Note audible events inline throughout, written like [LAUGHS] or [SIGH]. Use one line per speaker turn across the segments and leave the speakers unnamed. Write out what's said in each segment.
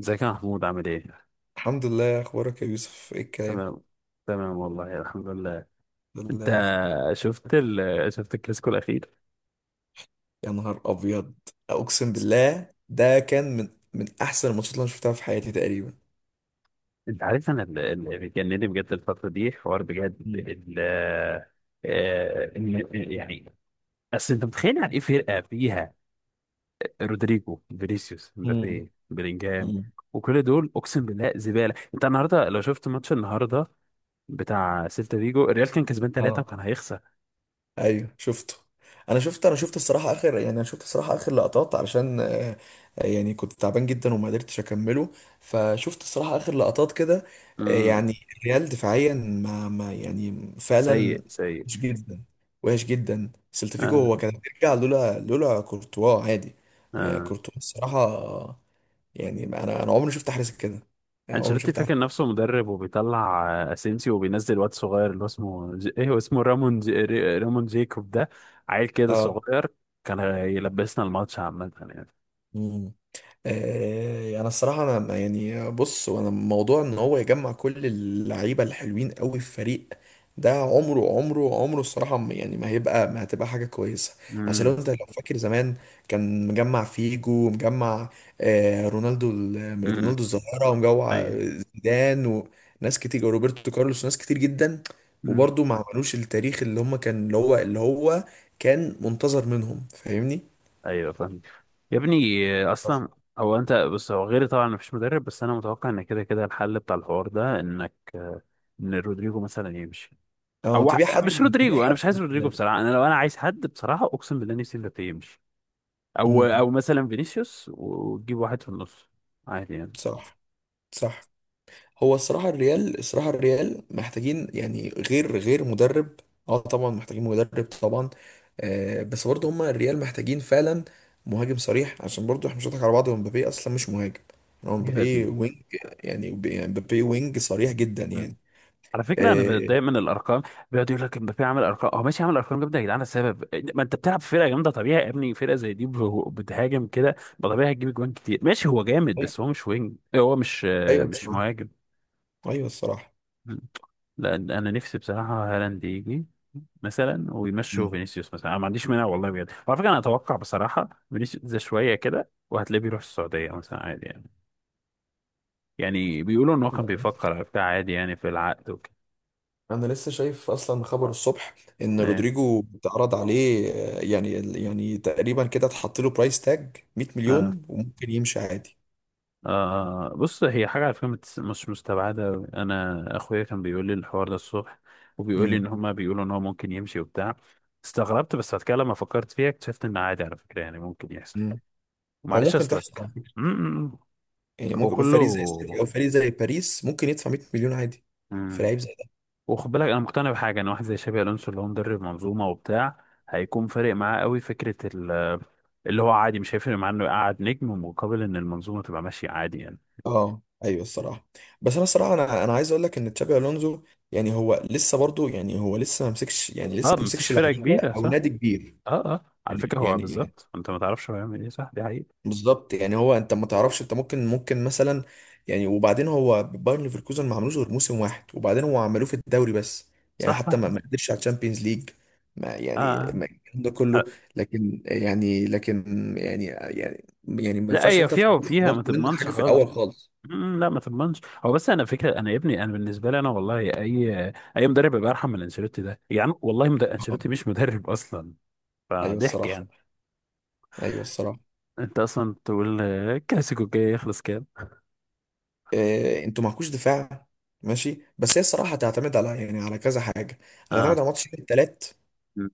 ازيك يا محمود، عامل ايه؟
الحمد لله، اخبارك يا يوسف؟ ايه الكلام؟
تمام. تمام والله، الحمد لله.
الحمد
انت
لله، اخبارك؟
شفت الكلاسيكو الاخير؟
يا نهار ابيض، اقسم بالله ده كان من احسن الماتشات اللي انا شفتها في حياتي تقريبا.
انت عارف انا اللي بيجنني بجد الفترة دي حوار بجد
مم.
ال... آه، إن- يعني اصل انت متخيل يعني ايه؟ فرقة فيها رودريجو، فينيسيوس،
مم.
مبابي، بلينجهام،
مم.
وكل دول اقسم بالله زبالة. انت النهارده لو شفت ماتش النهارده بتاع سيلتا فيجو، الريال كان كسبان ثلاثة
اه،
وكان هيخسر.
ايوه شفته. انا شفت الصراحه اخر لقطات علشان يعني كنت تعبان جدا وما قدرتش اكمله. فشفت الصراحه اخر لقطات كده.
امم
يعني الريال دفاعيا ما, ما يعني فعلا
سيء سيء.
وحش جدا. وحش جدا. سلتفيكو
آه.
هو كان بيرجع لولا كورتوا، عادي.
آه.
كورتوا الصراحه. يعني انا عمري ما شفت حارس كده، يعني عمري ما
انشيلوتي
شفت حارس.
فاكر نفسه مدرب وبيطلع اسينسيو، وبينزل واد صغير اللي هو ايه، هو اسمه رامون جيكوب ده. عيل كده
اه.
صغير كان يلبسنا الماتش عامة يعني.
انا الصراحه، انا ما- يعني بص، وانا موضوع ان هو يجمع كل اللعيبه الحلوين قوي في فريق، ده عمره الصراحه، يعني ما هتبقى حاجه كويسه. عشان
امم.
لو فاكر زمان، كان مجمع فيجو، مجمع رونالدو،
امم.
رونالدو الظاهره، ومجمع
ايوه.
زيدان، وناس كتير، روبرتو كارلوس وناس كتير جدا.
امم.
وبرضه ما عملوش التاريخ اللي هم كان اللي هو اللي هو كان منتظر منهم، فاهمني؟
ايوه فاهم. يا ابني اصلا، هو انت بص، هو غيري طبعا مفيش مدرب، بس انا متوقع ان كده كده الحل بتاع الحوار ده انك ان رودريجو مثلا يمشي.
اه،
مش
تبيع
رودريجو، انا
حد
مش
من
عايز رودريجو
الثلاثة.
بصراحة. انا لو انا عايز حد بصراحة، اقسم بالله، نفسي مبابي يمشي. او
امم.
او مثلا فينيسيوس، وتجيب واحد في النص، عادي يعني.
صح. صح. هو الصراحة الريال محتاجين، يعني، غير مدرب. اه، طبعا محتاجين مدرب طبعا. بس برضه هما الريال محتاجين فعلا مهاجم صريح، عشان برضه احنا مش هنضحك على بعض. هو مبابي اصلا مش مهاجم، يعني هو
يا
مبابي
ابني.
وينج. يعني مبابي وينج صريح جدا
مم.
يعني.
على فكره انا
آه
بتضايق من الارقام. بيقعد يقول لك امبابي عمل ارقام. هو ماشي عمل ارقام جامده، يا جدعان السبب ما انت بتلعب في فرقه جامده. طبيعي يا ابني، فرقه زي دي بتهاجم كده، ما طبيعي هتجيب جوان كتير، ماشي. هو جامد بس هو مش وينج، إيه، هو مش
ايوه
مش
الصراحة.
مهاجم.
ايوه الصراحة.
مم. لا انا نفسي بصراحه هالاند يجي مثلا، ويمشوا
مم.
فينيسيوس مثلا. انا ما عنديش مانع والله بجد. وعلى فكره انا اتوقع بصراحه فينيسيوس ده شويه كده وهتلاقيه بيروح السعوديه مثلا، عادي يعني. يعني بيقولوا ان هو كان بيفكر على بتاع، عادي يعني، في العقد وكده.
انا لسه شايف اصلا خبر الصبح ان
ايه.
رودريجو اتعرض عليه، يعني يعني تقريبا كده اتحط له برايس تاج 100
آه. آه.
مليون، وممكن يمشي عادي.
آه. بص، هي حاجة على فكرة مش مستبعدة أوي. انا اخويا كان بيقول لي الحوار ده الصبح، وبيقول لي ان
امم.
هما بيقولوا ان هو ممكن يمشي وبتاع. استغربت، بس بعد كده لما فكرت فيها اكتشفت ان عادي على فكرة، يعني ممكن يحصل.
امم. او
ومعلش
ممكن تحصل،
اصلك.
على فكره،
م- م-
يعني
هو
ممكن فريق زي
كله.
السيتي او فريق زي باريس ممكن يدفع 100 مليون عادي في
م-
لعيب زي ده.
وخد بالك انا مقتنع بحاجة، ان واحد زي شابي الونسو اللي هو مدرب منظومة وبتاع هيكون فارق معاه قوي. فكرة اللي هو عادي مش هيفرق معاه انه يقعد نجم، مقابل ان المنظومه تبقى ماشيه، عادي يعني.
اه، ايوه الصراحه. بس انا الصراحه انا عايز اقول لك ان تشابي الونزو، يعني هو لسه برضو، يعني هو لسه ما مسكش يعني لسه
اه،
ما
ما مسكش
مسكش
فرقه
لعيبه
كبيره،
او
صح.
نادي كبير.
اه اه، على
يعني
فكره هو
يعني
بالظبط انت ما تعرفش هو هيعمل ايه، صح، دي حقيقه.
بالظبط، يعني هو انت ما تعرفش، انت ممكن مثلا، يعني. وبعدين هو بايرن ليفركوزن ما عملوش غير موسم واحد، وبعدين هو عملوه في الدوري بس، يعني
صح
حتى
صح.
ما قدرش على الشامبيونز ليج. ما يعني،
اه.
ما الكلام ده
آه.
كله. لكن يعني، ما
لا
ينفعش
هي
انت
فيها
تطلب
وفيها، ما
برضه منه
تضمنش
حاجه في
خالص.
الاول خالص.
لا ما تضمنش. هو بس انا فكره انا، يا ابني، انا بالنسبه لي انا والله، اي اي مدرب يبقى ارحم من انشيلوتي ده يعني. والله
اه،
انشيلوتي مش مدرب [LAUGHS] اصلا.
ايوه
فضحك
الصراحه.
يعني.
ايوه الصراحه.
انت اصلا تقول الكلاسيكو الجاي يخلص كام؟
إيه، انتوا معكوش دفاع؟ ماشي، بس هي الصراحه هتعتمد على، يعني، على كذا حاجه.
اه.
هتعتمد على ماتش الثلاث
أمم،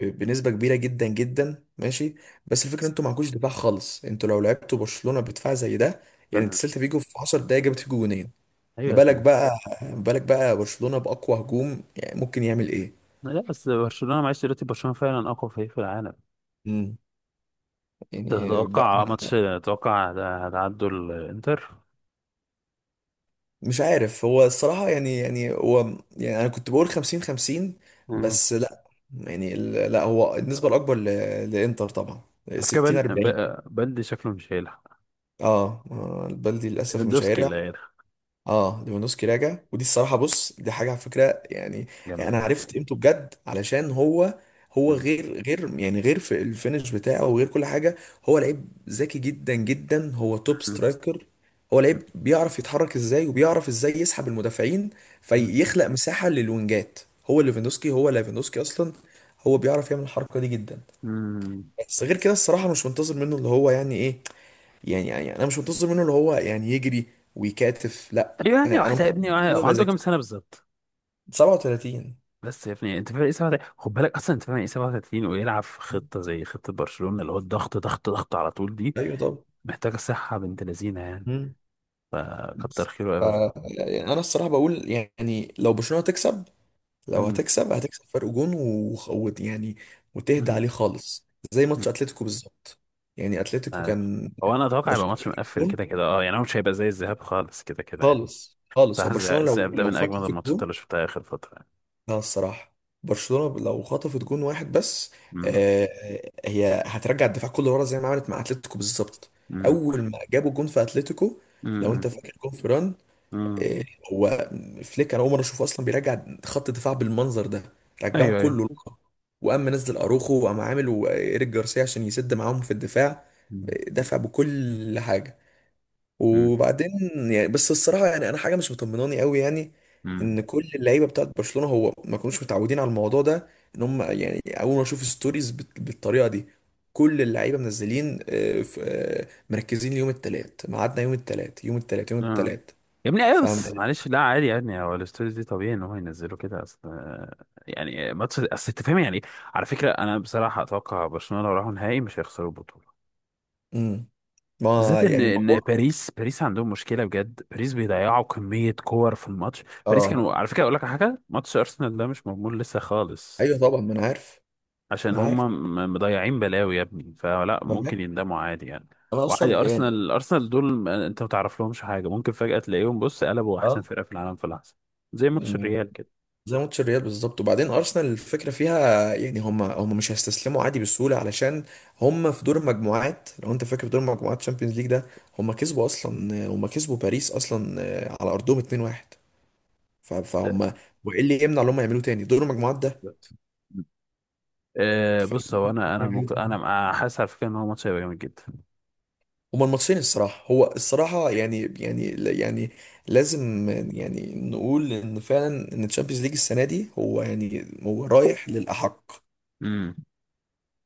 بنسبة كبيرة جدا جدا، ماشي. بس الفكرة، انتوا معكوش دفاع خالص. انتوا لو لعبتوا برشلونة بدفاع زي ده، يعني انت،
أمم.
سيلتا فيجو في 10 دقايق جابت فيجو جونين.
ايوه
ما
يا
بالك
ابني.
بقى، برشلونة بأقوى هجوم يعني ممكن يعمل ايه؟
لا بس برشلونة، معلش دلوقتي برشلونة فعلا أقوى فريق في العالم.
امم. يعني بقى.
تتوقع ماتش، تتوقع هتعدوا الإنتر؟
مش عارف، هو الصراحة، يعني يعني هو يعني انا كنت بقول 50 50.
مم.
بس لا، يعني لا، هو النسبة الأكبر لإنتر طبعا.
على فكرة
60 40.
بلدي شكله مش هيلعب.
اه، البلدي للأسف مش
ليفاندوفسكي
هيرجع.
اللي هيلعب.
اه، ليفاندوسكي راجع، ودي الصراحه، بص دي حاجه على فكره، يعني، يعني
جامدة
انا
جدا.
عرفت قيمته بجد علشان هو، هو
مم.
غير في الفينش بتاعه وغير كل حاجه. هو لعيب ذكي جدا جدا، هو توب سترايكر. هو لعيب بيعرف يتحرك ازاي، وبيعرف ازاي يسحب المدافعين،
مم.
فيخلق مساحه للوينجات. هو ليفاندوسكي اصلا، هو بيعرف يعمل الحركه دي جدا.
مم.
بس غير كده الصراحه مش منتظر منه اللي هو، يعني، ايه؟ يعني انا مش منتظر منه اللي هو يعني يجري ويكاتف، لا.
أيوة، يعني
انا
واحد يا
منتظر
ابني،
منه اللي هو
هو
يبقى
عنده كام
ذكي.
سنة بالظبط؟
37.
بس يا ابني، أنت فاهم إيه 37؟ خد بالك، أصلا أنت فاهم إيه 37 ويلعب في خطة زي خطة برشلونة اللي هو الضغط ضغط ضغط على طول دي؟
ايوه، طب.
محتاجة صحة بنت لذينة يعني.
مم.
كتر
بس
خيره أوي.
يعني انا الصراحه بقول، يعني لو برشلونه تكسب، لو
مم.
هتكسب، هتكسب فرق جون، يعني، وتهدى
مم.
عليه خالص زي ماتش اتلتيكو بالظبط. يعني اتلتيكو
عارف.
كان،
هو انا اتوقع هيبقى ماتش
برشلونه
مقفل
جون،
كده كده، اه، يعني هو مش هيبقى زي الذهاب خالص كده كده يعني.
خالص خالص.
بصراحه
هو برشلونه لو
الذهاب ده
لو
من اجمل
خطف
الماتشات
الجون.
اللي شفتها اخر فتره يعني.
لا الصراحة، برشلونة لو خطفت جون واحد بس،
امم.
آه، هي هترجع الدفاع كله ورا زي ما عملت مع اتلتيكو بالظبط.
امم.
أول ما جابوا جون في اتلتيكو، لو
امم.
أنت فاكر جون فيران،
امم.
آه، هو، فليك، أنا أول مرة أشوفه أصلا بيرجع خط الدفاع بالمنظر ده. رجعه
ايوه ايوه.
كله لورا. وقام منزل أروخو، وقام عامل وإيريك جارسيا عشان يسد معاهم في الدفاع.
امم.
دفع بكل حاجة.
امم.
وبعدين، يعني، بس الصراحه يعني انا حاجه مش مطمناني قوي، يعني، ان
أمم.
كل اللعيبه بتاعت برشلونه، هو ما كانوش متعودين على الموضوع ده، ان هم، يعني، اول ما اشوف ستوريز بالطريقه دي، كل اللعيبه منزلين، مركزين ليوم الثلاث. ميعادنا يوم الثلاث، يوم الثلاث، يوم
آه.
الثلاث.
يا ابني، ايوه
فاهم.
بس معلش، لا عادي يعني. هو الاستوديو دي طبيعي ان هو ينزله كده، اصل يعني ماتش، اصل انت فاهم يعني إيه؟ على فكره انا بصراحه اتوقع برشلونه لو راحوا نهائي مش هيخسروا البطوله.
امم.
بالذات
ما
ان
يعني
ان
الموضوع.
باريس عندهم مشكله بجد. باريس بيضيعوا كميه كور في الماتش. باريس
اه،
كانوا، على فكره اقول لك على حاجه، ماتش ارسنال ده مش مضمون لسه خالص.
ايوه طبعا، ما انا عارف.
عشان
ما انا
هم
عارف.
مضيعين بلاوي يا ابني، فلا
ما انا عارف.
ممكن يندموا، عادي يعني.
انا
وعادي،
اصلا، يعني،
ارسنال دول، انت ما تعرف لهمش حاجه، ممكن فجاه تلاقيهم، بص، قلبوا احسن فرقه في العالم في لحظه، زي ماتش
اه،
الريال كده.
زي ماتش الريال بالظبط. وبعدين ارسنال الفكره فيها، يعني هم مش هيستسلموا عادي بسهوله، علشان هم في دور المجموعات، لو انت فاكر، في دور المجموعات تشامبيونز ليج ده، هم كسبوا باريس اصلا على ارضهم 2-1. فهم، وايه اللي يمنع ان هم يعملوه تاني دور المجموعات ده؟
[LAUGHS] أه أه، بص، هو انا
يعملوه
ممكن،
تاني.
انا حاسس على فكره ان هو ماتش هيبقى جامد
هما الماتشين الصراحه، هو الصراحه، يعني، يعني لازم يعني نقول ان فعلا ان تشامبيونز ليج السنه دي، هو يعني هو رايح للاحق.
جدا.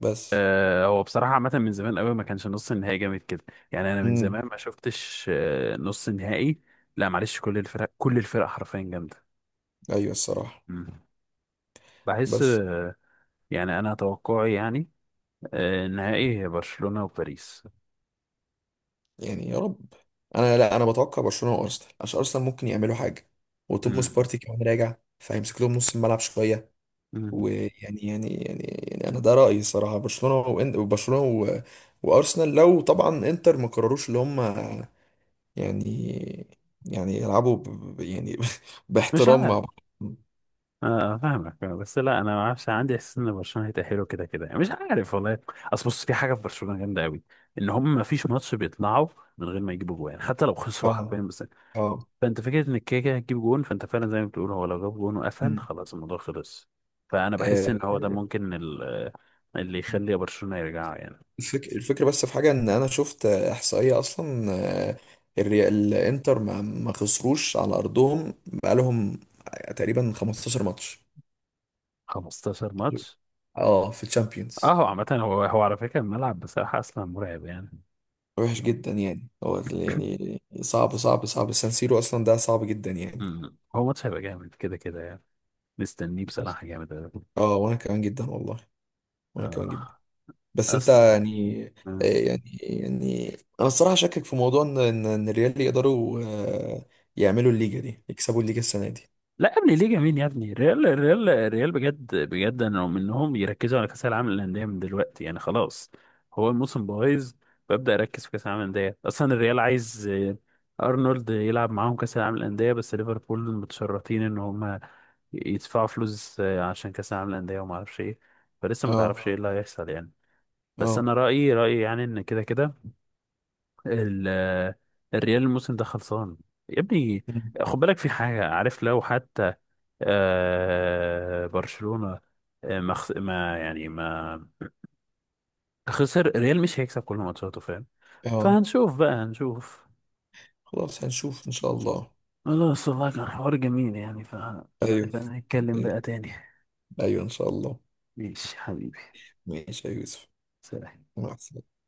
بس.
هو بصراحة عامة من زمان قوي ما كانش نص النهائي جامد كده. يعني أنا من
امم.
زمان ما شفتش نص نهائي. لا معلش، كل الفرق، كل الفرق حرفيا جامدة.
ايوه الصراحه.
مم. بحس
بس
يعني أنا توقعي يعني، النهائي هي برشلونة وباريس.
يعني، يا رب. انا لا، انا بتوقع برشلونه وارسنال، عشان ارسنال ممكن يعملوا حاجه، وتوماس
مم.
بارتي كمان راجع، فهيمسك لهم نص الملعب شويه.
مم.
ويعني يعني يعني يعني انا ده رايي، الصراحه برشلونه وبرشلونه وارسنال، لو طبعا انتر ما قرروش اللي هم، يعني يعني يلعبوا يعني، [LAUGHS]
مش
باحترام مع
عارف.
بعض.
اه. فاهمك. بس لا انا ما اعرفش، عندي احساس ان برشلونه هيتاهلوا كده كده يعني، مش عارف والله. اصل بص، في حاجه في برشلونه جامده قوي، ان هم ما فيش ماتش بيطلعوا من غير ما يجيبوا جوان، حتى لو خسروا حرفيا.
اه.
بس
اه.
فانت فكره ان كده كده هتجيب جون، فانت فعلا زي ما بتقول، هو لو جاب جون وقفل،
مم.
خلاص الموضوع خلص. فانا بحس
آه،
ان هو ده ممكن اللي يخلي برشلونه يرجع يعني.
الفكرة، بس في حاجة ان انا شفت احصائية اصلا. آه، الانتر ما خسروش على ارضهم بقالهم تقريبا 15 ماتش.
15 ماتش.
اه، في
اه،
الشامبيونز.
هو عامه هو على فكره الملعب بصراحه اصلا مرعب يعني.
وحش جدا، يعني هو يعني صعب صعب صعب، سان سيرو اصلا ده صعب جدا يعني.
مم. هو ماتش هيبقى جامد كده كده يعني. مستنيه
بس.
بصراحه جامد أوي.
اه، وانا كمان جدا والله. وانا كمان جدا.
آه.
بس انت
اصل،
يعني، آه، يعني يعني انا الصراحة شاكك في موضوع ان إن الريال يقدروا، يعملوا الليجا دي، يكسبوا الليجا السنة دي.
لا يا ابني ليه، جميل يا ابني. الريال الريال الريال بجد بجد، انا مؤمن انهم يركزوا على كاس العالم للانديه من دلوقتي يعني، خلاص. هو الموسم بايظ، ببدا اركز في كاس العالم للانديه. اصلا الريال عايز ارنولد يلعب معاهم كاس العالم للانديه، بس ليفربول متشرطين ان هم يدفعوا فلوس عشان كاس العالم للانديه، وما اعرفش ايه، فلسه ما
اه.
تعرفش ايه، اللي هيحصل يعني. بس انا
اه.
رايي رايي يعني ان كده كده ال الريال الموسم ده خلصان، يا ابني.
مم.
خد بالك في حاجة، عارف لو حتى برشلونة آه، ما خس- ما يعني ما خسر، الريال مش هيكسب كل ماتشاته، فاهم.
اه،
فهنشوف بقى، هنشوف.
خلاص، هنشوف ان شاء الله.
خلاص والله، كان حوار جميل يعني. ف
ايوه.
نبقى نتكلم بقى تاني.
ايوه ان شاء الله.
ماشي حبيبي.
ماشي يا يوسف.
سلام.
مع السلامة.